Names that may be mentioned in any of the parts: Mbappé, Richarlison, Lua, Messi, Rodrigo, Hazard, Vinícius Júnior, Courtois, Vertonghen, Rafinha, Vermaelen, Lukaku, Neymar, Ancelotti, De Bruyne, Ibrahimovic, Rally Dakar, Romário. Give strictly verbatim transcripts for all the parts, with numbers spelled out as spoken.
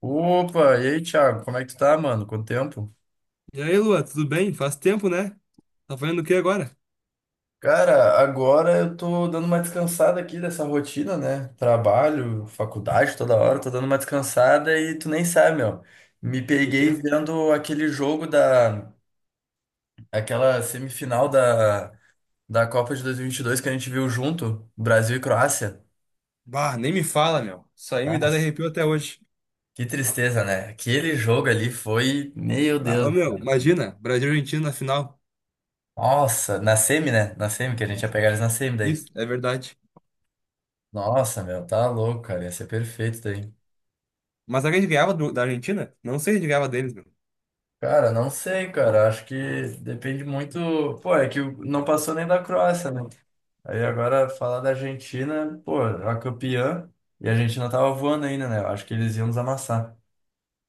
Opa, e aí, Thiago, como é que tu tá, mano? Quanto tempo? E aí, Lua, tudo bem? Faz tempo, né? Tá fazendo o que agora? Cara, agora eu tô dando uma descansada aqui dessa rotina, né? Trabalho, faculdade toda hora, tô dando uma descansada e tu nem sabe, meu. Me O quê? peguei vendo aquele jogo da... aquela semifinal da, da Copa de dois mil e vinte e dois que a gente viu junto, Brasil e Croácia. Bah, nem me fala, meu. Isso aí me dá Nossa, arrepio até hoje. que tristeza, né? Aquele jogo ali foi. Meu Ah, Deus ô, do céu. meu, imagina, Brasil e Argentina na final. Nossa, na semi, né? Na semi, que a gente ia Nossa. pegar eles na semi daí. Isso, é verdade. Nossa, meu, tá louco, cara. Ia ser perfeito isso daí. Mas será que a gente ganhava do- da Argentina? Não sei se a gente ganhava deles, meu. Cara, não sei, cara. Acho que depende muito. Pô, é que o- não passou nem da Croácia, né? Aí agora falar da Argentina, pô, a campeã. E a Argentina tava voando ainda, né? Eu acho que eles iam nos amassar.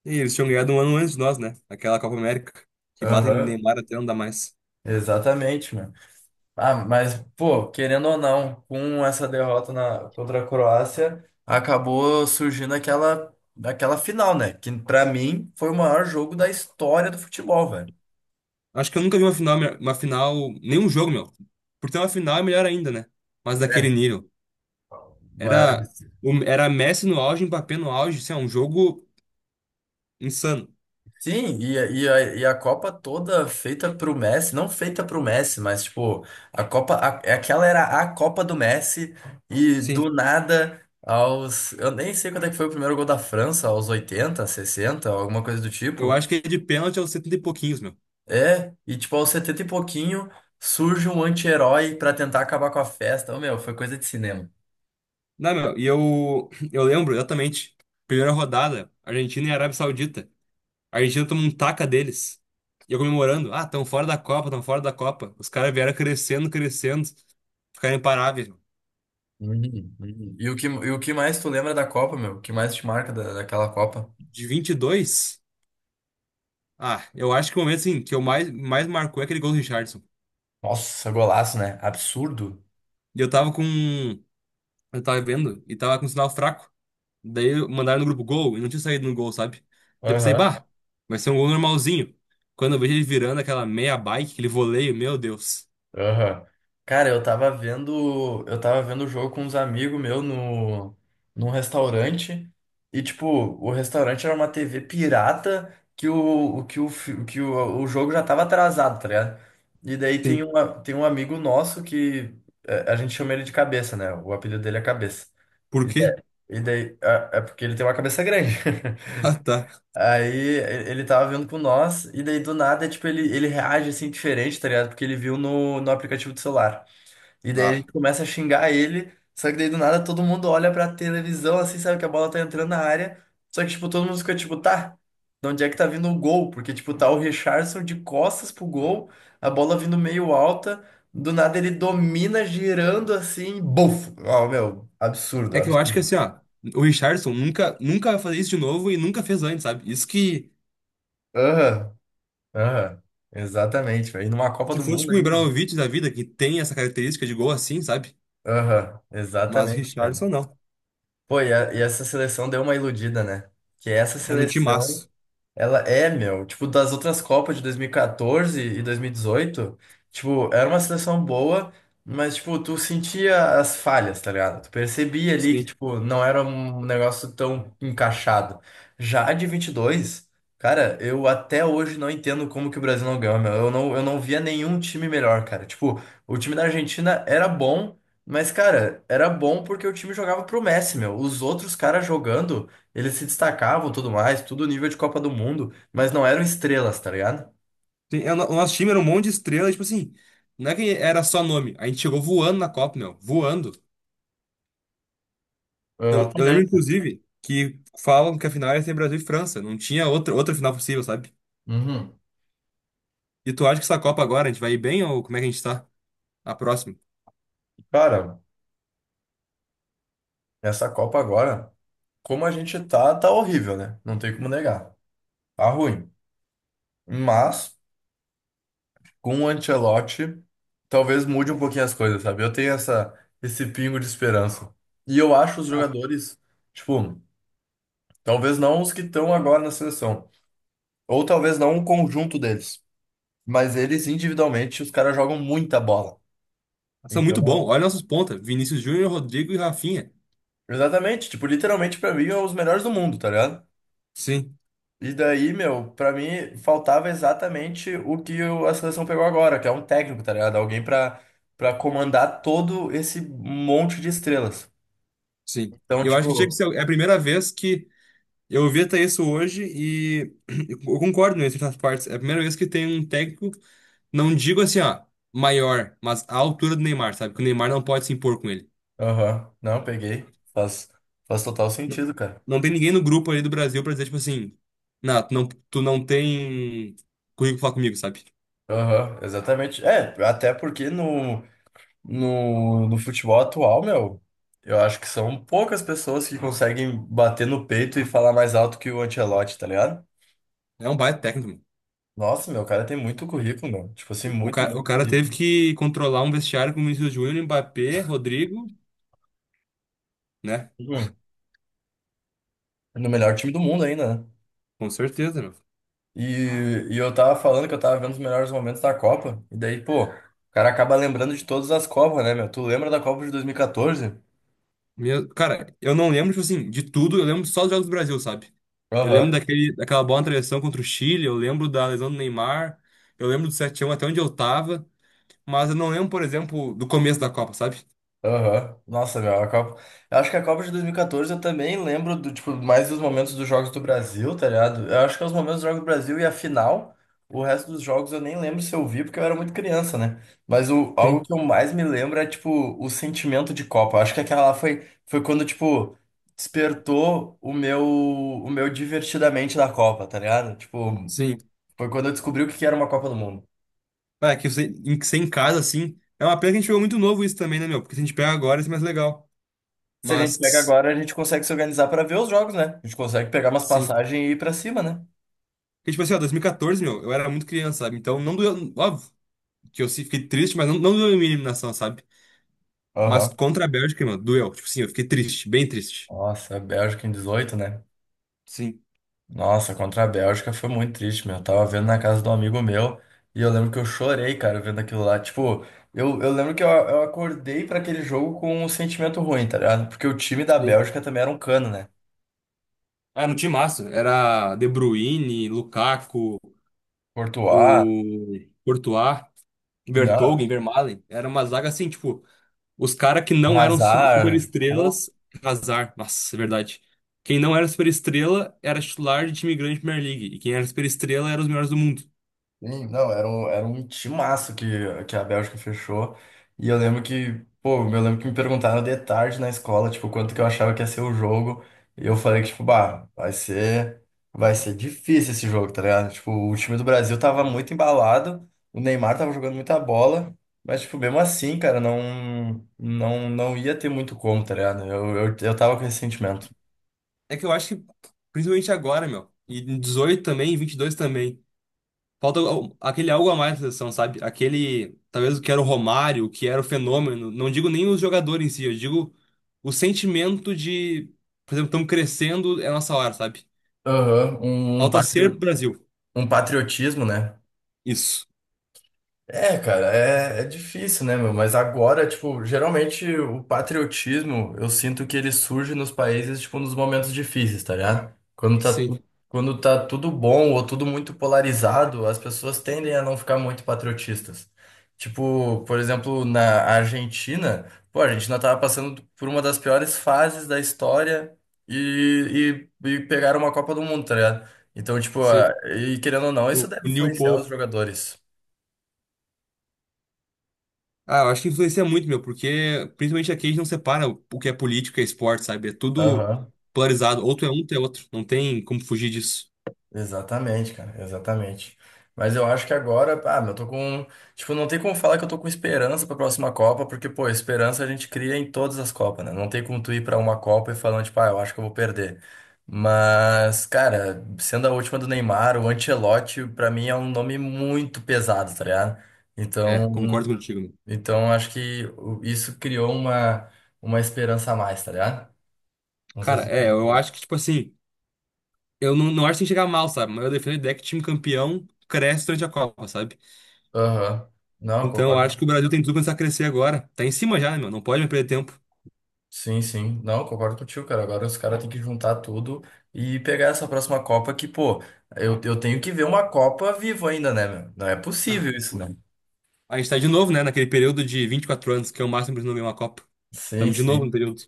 E eles tinham ganhado um ano antes de nós, né? Aquela Copa América, que batem em Aham, Neymar até não dá mais. exatamente, mano. Ah, mas, pô, querendo ou não, com essa derrota na, contra a Croácia, acabou surgindo aquela, aquela final, né? Que pra mim foi o maior jogo da história do futebol, velho. Acho que eu nunca vi uma final, minha- uma final, nenhum jogo, meu. Por ter uma final é melhor ainda, né? Mas daquele nível. Era, mas o- era Messi no auge, Mbappé no auge, assim, é um jogo insano. Sim, e, a- e, a, e a Copa toda feita pro Messi, não feita pro Messi, mas tipo, a Copa, a- é aquela era a Copa do Messi, e do Sim. nada, aos, eu nem sei quando é que foi o primeiro gol da França, aos oitenta sessenta alguma coisa do Eu tipo. acho que de pênalti é os setenta e pouquinhos, meu. É, e tipo, aos setenta e pouquinho, surge um anti-herói pra tentar acabar com a festa. Ô, meu, foi coisa de cinema. Não, meu, e eu, eu lembro exatamente. Primeira rodada, Argentina e Arábia Saudita. A Argentina tomou um taca deles. E eu comemorando. Ah, estão fora da Copa, estão fora da Copa. Os caras vieram crescendo, crescendo. Ficaram imparáveis, meu. Uhum, uhum. E o que, e o que mais tu lembra da Copa, meu? O que mais te marca da, daquela Copa? De vinte e dois, ah, eu acho que o momento, assim, que eu mais, mais marcou é aquele gol do Richardson. Nossa, golaço, né? Absurdo. E eu tava com... Eu tava vendo e tava com um sinal fraco. Daí mandaram no grupo gol e não tinha saído no gol, sabe? Daí eu pensei, bah, vai ser um gol normalzinho. Quando eu vejo ele virando aquela meia bike, aquele voleio, meu Deus. Aham. Cara, eu tava vendo, eu tava vendo o jogo com uns amigos meus no, num restaurante e tipo, o restaurante era uma T V pirata que o, o que o, fi- o que o, o jogo já tava atrasado, tá ligado? E daí tem Sim. uma, tem um amigo nosso que é, a gente chama ele de Cabeça, né? O apelido dele é Cabeça. Por E quê? daí, e daí- é é porque ele tem uma cabeça grande. Ah, tá. Aí e- ele tava vindo com nós, e daí do nada, tipo, ele, ele reage assim diferente, tá ligado? Porque ele viu no, no aplicativo do celular. E daí a Ah. gente começa a xingar ele, só que daí do nada todo mundo olha pra televisão assim, sabe que a bola tá entrando na área. Só que, tipo, todo mundo fica tipo, tá, de onde é que tá vindo o gol? Porque, tipo, tá o Richarlison de costas pro gol, a bola vindo meio alta, do nada ele domina girando assim, buf! Ó, meu, absurdo, É que eu acho que absurdo. assim, ó, o Richarlison nunca, nunca vai fazer isso de novo e nunca fez antes, sabe? Isso que, Aham, aham, exatamente, velho. E numa Copa se do fosse Mundo tipo, o ainda. Ibrahimovic da vida, que tem essa característica de gol assim, sabe? Aham, Mas o exatamente, cara. Richardson não. Pô, e, a- e essa seleção deu uma iludida, né? Que essa Era um seleção timaço. ela é, meu, tipo, das outras Copas de dois mil e e e dois mil e dezoito, tipo, era uma seleção boa, mas, tipo, tu sentia as falhas, tá ligado? Tu percebia ali que, Sim. tipo, não era um negócio tão encaixado. Já a de vinte e dois, cara, eu até hoje não entendo como que o Brasil não ganhou, meu. Eu não, eu não via nenhum time melhor, cara. Tipo, o time da Argentina era bom, mas, cara, era bom porque o time jogava pro Messi, meu. Os outros caras jogando. Eles se destacavam, tudo mais, tudo nível de Copa do Mundo, mas não eram estrelas, tá ligado? Sim, é, o no- o nosso time era um monte de estrela, tipo assim, não é que era só nome. A gente chegou voando na Copa, meu. Voando. Eu, eu lembro, Exatamente. inclusive, que falam que a final ia ser Brasil e França. Não tinha outra, outra final possível, sabe? Uhum. E tu acha que essa Copa agora a gente vai ir bem ou como é que a gente tá? A próxima. Cara, essa Copa agora, como a gente tá, tá horrível, né? Não tem como negar. Tá ruim. Mas, com o Ancelotti, talvez mude um pouquinho as coisas, sabe? Eu tenho essa, esse pingo de esperança. E eu acho os Ah, jogadores, tipo, talvez não os que estão agora na seleção, ou talvez não o conjunto deles, mas eles individualmente, os caras jogam muita bola. são muito bom. Então, Olha nossos pontas. Vinícius Júnior, Rodrigo e Rafinha. exatamente, tipo, literalmente pra mim é os melhores do mundo, tá ligado? Sim, E daí, meu, pra mim faltava exatamente o que o- a seleção pegou agora, que é um técnico, tá ligado? Alguém pra, pra comandar todo esse monte de estrelas. sim. Então, E eu acho que tinha que tipo, ser. É a primeira vez que eu ouvi até isso hoje e eu concordo em certas partes. É a primeira vez que tem um técnico, não digo assim, ó, maior, mas à altura do Neymar, sabe? Que o Neymar não pode se impor com ele. aham, não, peguei. Faz, faz total Não, sentido, cara. não tem ninguém no grupo ali do Brasil pra dizer, tipo assim, não, tu não, tu não tem currículo pra falar comigo, sabe? Aham, exatamente. É, até porque no, no, no futebol atual, meu, eu acho que são poucas pessoas que conseguem bater no peito e falar mais alto que o Ancelotti, tá ligado? É um baita técnico, mano. Nossa, meu, o cara tem muito currículo, meu. Tipo assim, O, o, muito, ca- o muito cara teve currículo. que controlar um vestiário com o Vinícius Júnior, Mbappé, Rodrigo, né? Uhum. No melhor time do mundo ainda, né? Com certeza, meu. E, e eu tava falando que eu tava vendo os melhores momentos da Copa. E daí, pô, o cara acaba lembrando de todas as Copas, né, meu? Tu lembra da Copa de dois mil e quatorze? Meu- cara, eu não lembro, tipo assim, de tudo, eu lembro só dos jogos do Brasil, sabe? Eu lembro Aham. daquele, daquela bola na travessão contra o Chile, eu lembro da lesão do Neymar, eu lembro do sete a um até onde eu tava, mas eu não lembro, por exemplo, do começo da Copa, sabe? Aham. Nossa, meu, a Copa. Eu acho que a Copa de dois mil e quatorze eu também lembro do, tipo, mais dos momentos dos jogos do Brasil, tá ligado? Eu acho que é os momentos dos jogos do Brasil e a final. O resto dos jogos eu nem lembro se eu vi, porque eu era muito criança, né? Mas o, algo Sim. que eu mais me lembro é, tipo, o sentimento de Copa. Eu acho que aquela lá foi, foi quando, tipo, despertou o meu, o meu divertidamente da Copa, tá ligado? Tipo, Sim, foi quando eu descobri o que que era uma Copa do Mundo. ah, que você, em, que ser em casa, assim. É uma pena que a gente pegou muito novo isso também, né, meu? Porque se a gente pega agora, isso é mais legal. Se a gente pega Mas, agora, a gente consegue se organizar para ver os jogos, né? A gente consegue pegar umas sim. passagens e ir para cima, né? Porque, tipo assim, ó, dois mil e quatorze, meu, eu era muito criança, sabe? Então, não doeu. Óbvio que eu se- fiquei triste, mas não, não doeu a minha eliminação, sabe? Mas Aham. contra a Bélgica, meu, doeu. Tipo assim, eu fiquei triste, bem triste. Nossa, a Bélgica em dezoito, né? Sim. Nossa, contra a Bélgica foi muito triste, meu. Eu tava vendo na casa de um amigo meu e eu lembro que eu chorei, cara, vendo aquilo lá. Tipo, eu, eu lembro que eu, eu acordei pra aquele jogo com um sentimento ruim, tá ligado? Porque o time da Sim. Bélgica também era um cano, né? Era no time massa. Era De Bruyne, Lukaku, Courtois, o Courtois, não, Vertonghen, Vermaelen. Era uma zaga assim, tipo. Os caras que não eram su- Hazard. superestrelas, azar. Nossa, é verdade. Quem não era superestrela era titular de time grande de Premier League. E quem era superestrela era os melhores do mundo. Sim, não, era um, era um timaço que, que a Bélgica fechou. E eu lembro que, pô, eu lembro que me perguntaram de tarde na escola, tipo, quanto que eu achava que ia ser o jogo. E eu falei que, tipo, bah, vai ser, vai ser difícil esse jogo, tá ligado? Tipo, o time do Brasil tava muito embalado, o Neymar tava jogando muita bola, mas, tipo, mesmo assim, cara, não, não, não ia ter muito como, tá ligado? Eu, eu, eu tava com esse sentimento. É que eu acho que, principalmente agora, meu, e em dezoito também, em vinte e dois também, falta o- aquele algo a mais na seleção, sabe? Aquele, talvez o que era o Romário, o que era o fenômeno. Não digo nem os jogadores em si, eu digo o sentimento de, por exemplo, estamos crescendo, é nossa hora, sabe? Aham, um, um Falta ser patrio- Brasil. um patriotismo, né? Isso. É, cara, é, é difícil, né, meu? Mas agora, tipo, geralmente o patriotismo, eu sinto que ele surge nos países, tipo, nos momentos difíceis, tá ligado? Quando tá, Sim, tu- quando tá tudo bom ou tudo muito polarizado, as pessoas tendem a não ficar muito patriotistas. Tipo, por exemplo, na Argentina, pô, a Argentina tava passando por uma das piores fases da história e, e, e pegaram uma Copa do Mundo, tá ligado? Então, tipo, a- sim. e querendo ou não, isso U- deve Unir o influenciar povo. os jogadores. Ah, eu acho que influencia muito, meu, porque principalmente aqui a gente não separa o que é política e esporte, sabe? É tudo Aham. polarizado. Ou tu é um, ou tu é outro. Não tem como fugir disso. Exatamente, cara, exatamente. Mas eu acho que agora, ah, meu, eu tô com, tipo, não tem como falar que eu tô com esperança pra próxima Copa, porque, pô, esperança a gente cria em todas as Copas, né? Não tem como tu ir pra uma Copa e falando, tipo, ah, eu acho que eu vou perder. Mas, cara, sendo a última do Neymar, o Ancelotti, pra mim é um nome muito pesado, tá ligado? É, Então, concordo contigo, meu. então acho que o- isso criou uma, uma esperança a mais, tá ligado? Não sei Cara, se é, tem eu isso. acho que, tipo assim, eu não, não acho que tem que chegar mal, sabe? Mas eu defendo a ideia que time campeão cresce durante a Copa, sabe? Aham. Não, eu Então eu concordo. acho que o Brasil tem tudo pra começar a crescer agora. Tá em cima já, né, meu? Não pode mais perder tempo. Sim, sim. Não, concordo contigo, cara. Agora os caras têm que juntar tudo e pegar essa próxima Copa que, pô, eu, eu tenho que ver uma Copa vivo ainda, né, meu? Não é Ah, possível isso, né? a gente tá de novo, né, naquele período de vinte e quatro anos, que é o máximo pra gente não ganhar uma Copa. Sim, Tamo de novo no sim. período.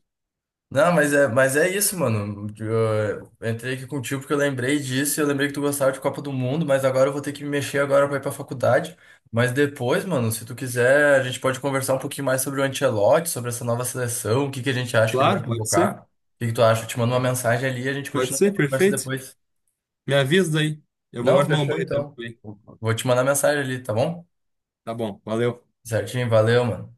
Não, mas é, mas é, isso, mano. Eu entrei aqui contigo porque eu lembrei disso, eu lembrei que tu gostava de Copa do Mundo, mas agora eu vou ter que me mexer agora pra ir pra faculdade. Mas depois, mano, se tu quiser, a gente pode conversar um pouquinho mais sobre o Ancelotti, sobre essa nova seleção, o que que a gente acha que ele Claro, vai pode ser. convocar. O que que tu acha? Eu te mando uma mensagem ali e a gente Pode continua ser, a conversa perfeito. depois. Me avisa aí. Eu vou Não, agora tomar um fechou banho então. também. Vou te mandar mensagem ali, tá bom? Tá bom, valeu. Certinho, valeu, mano.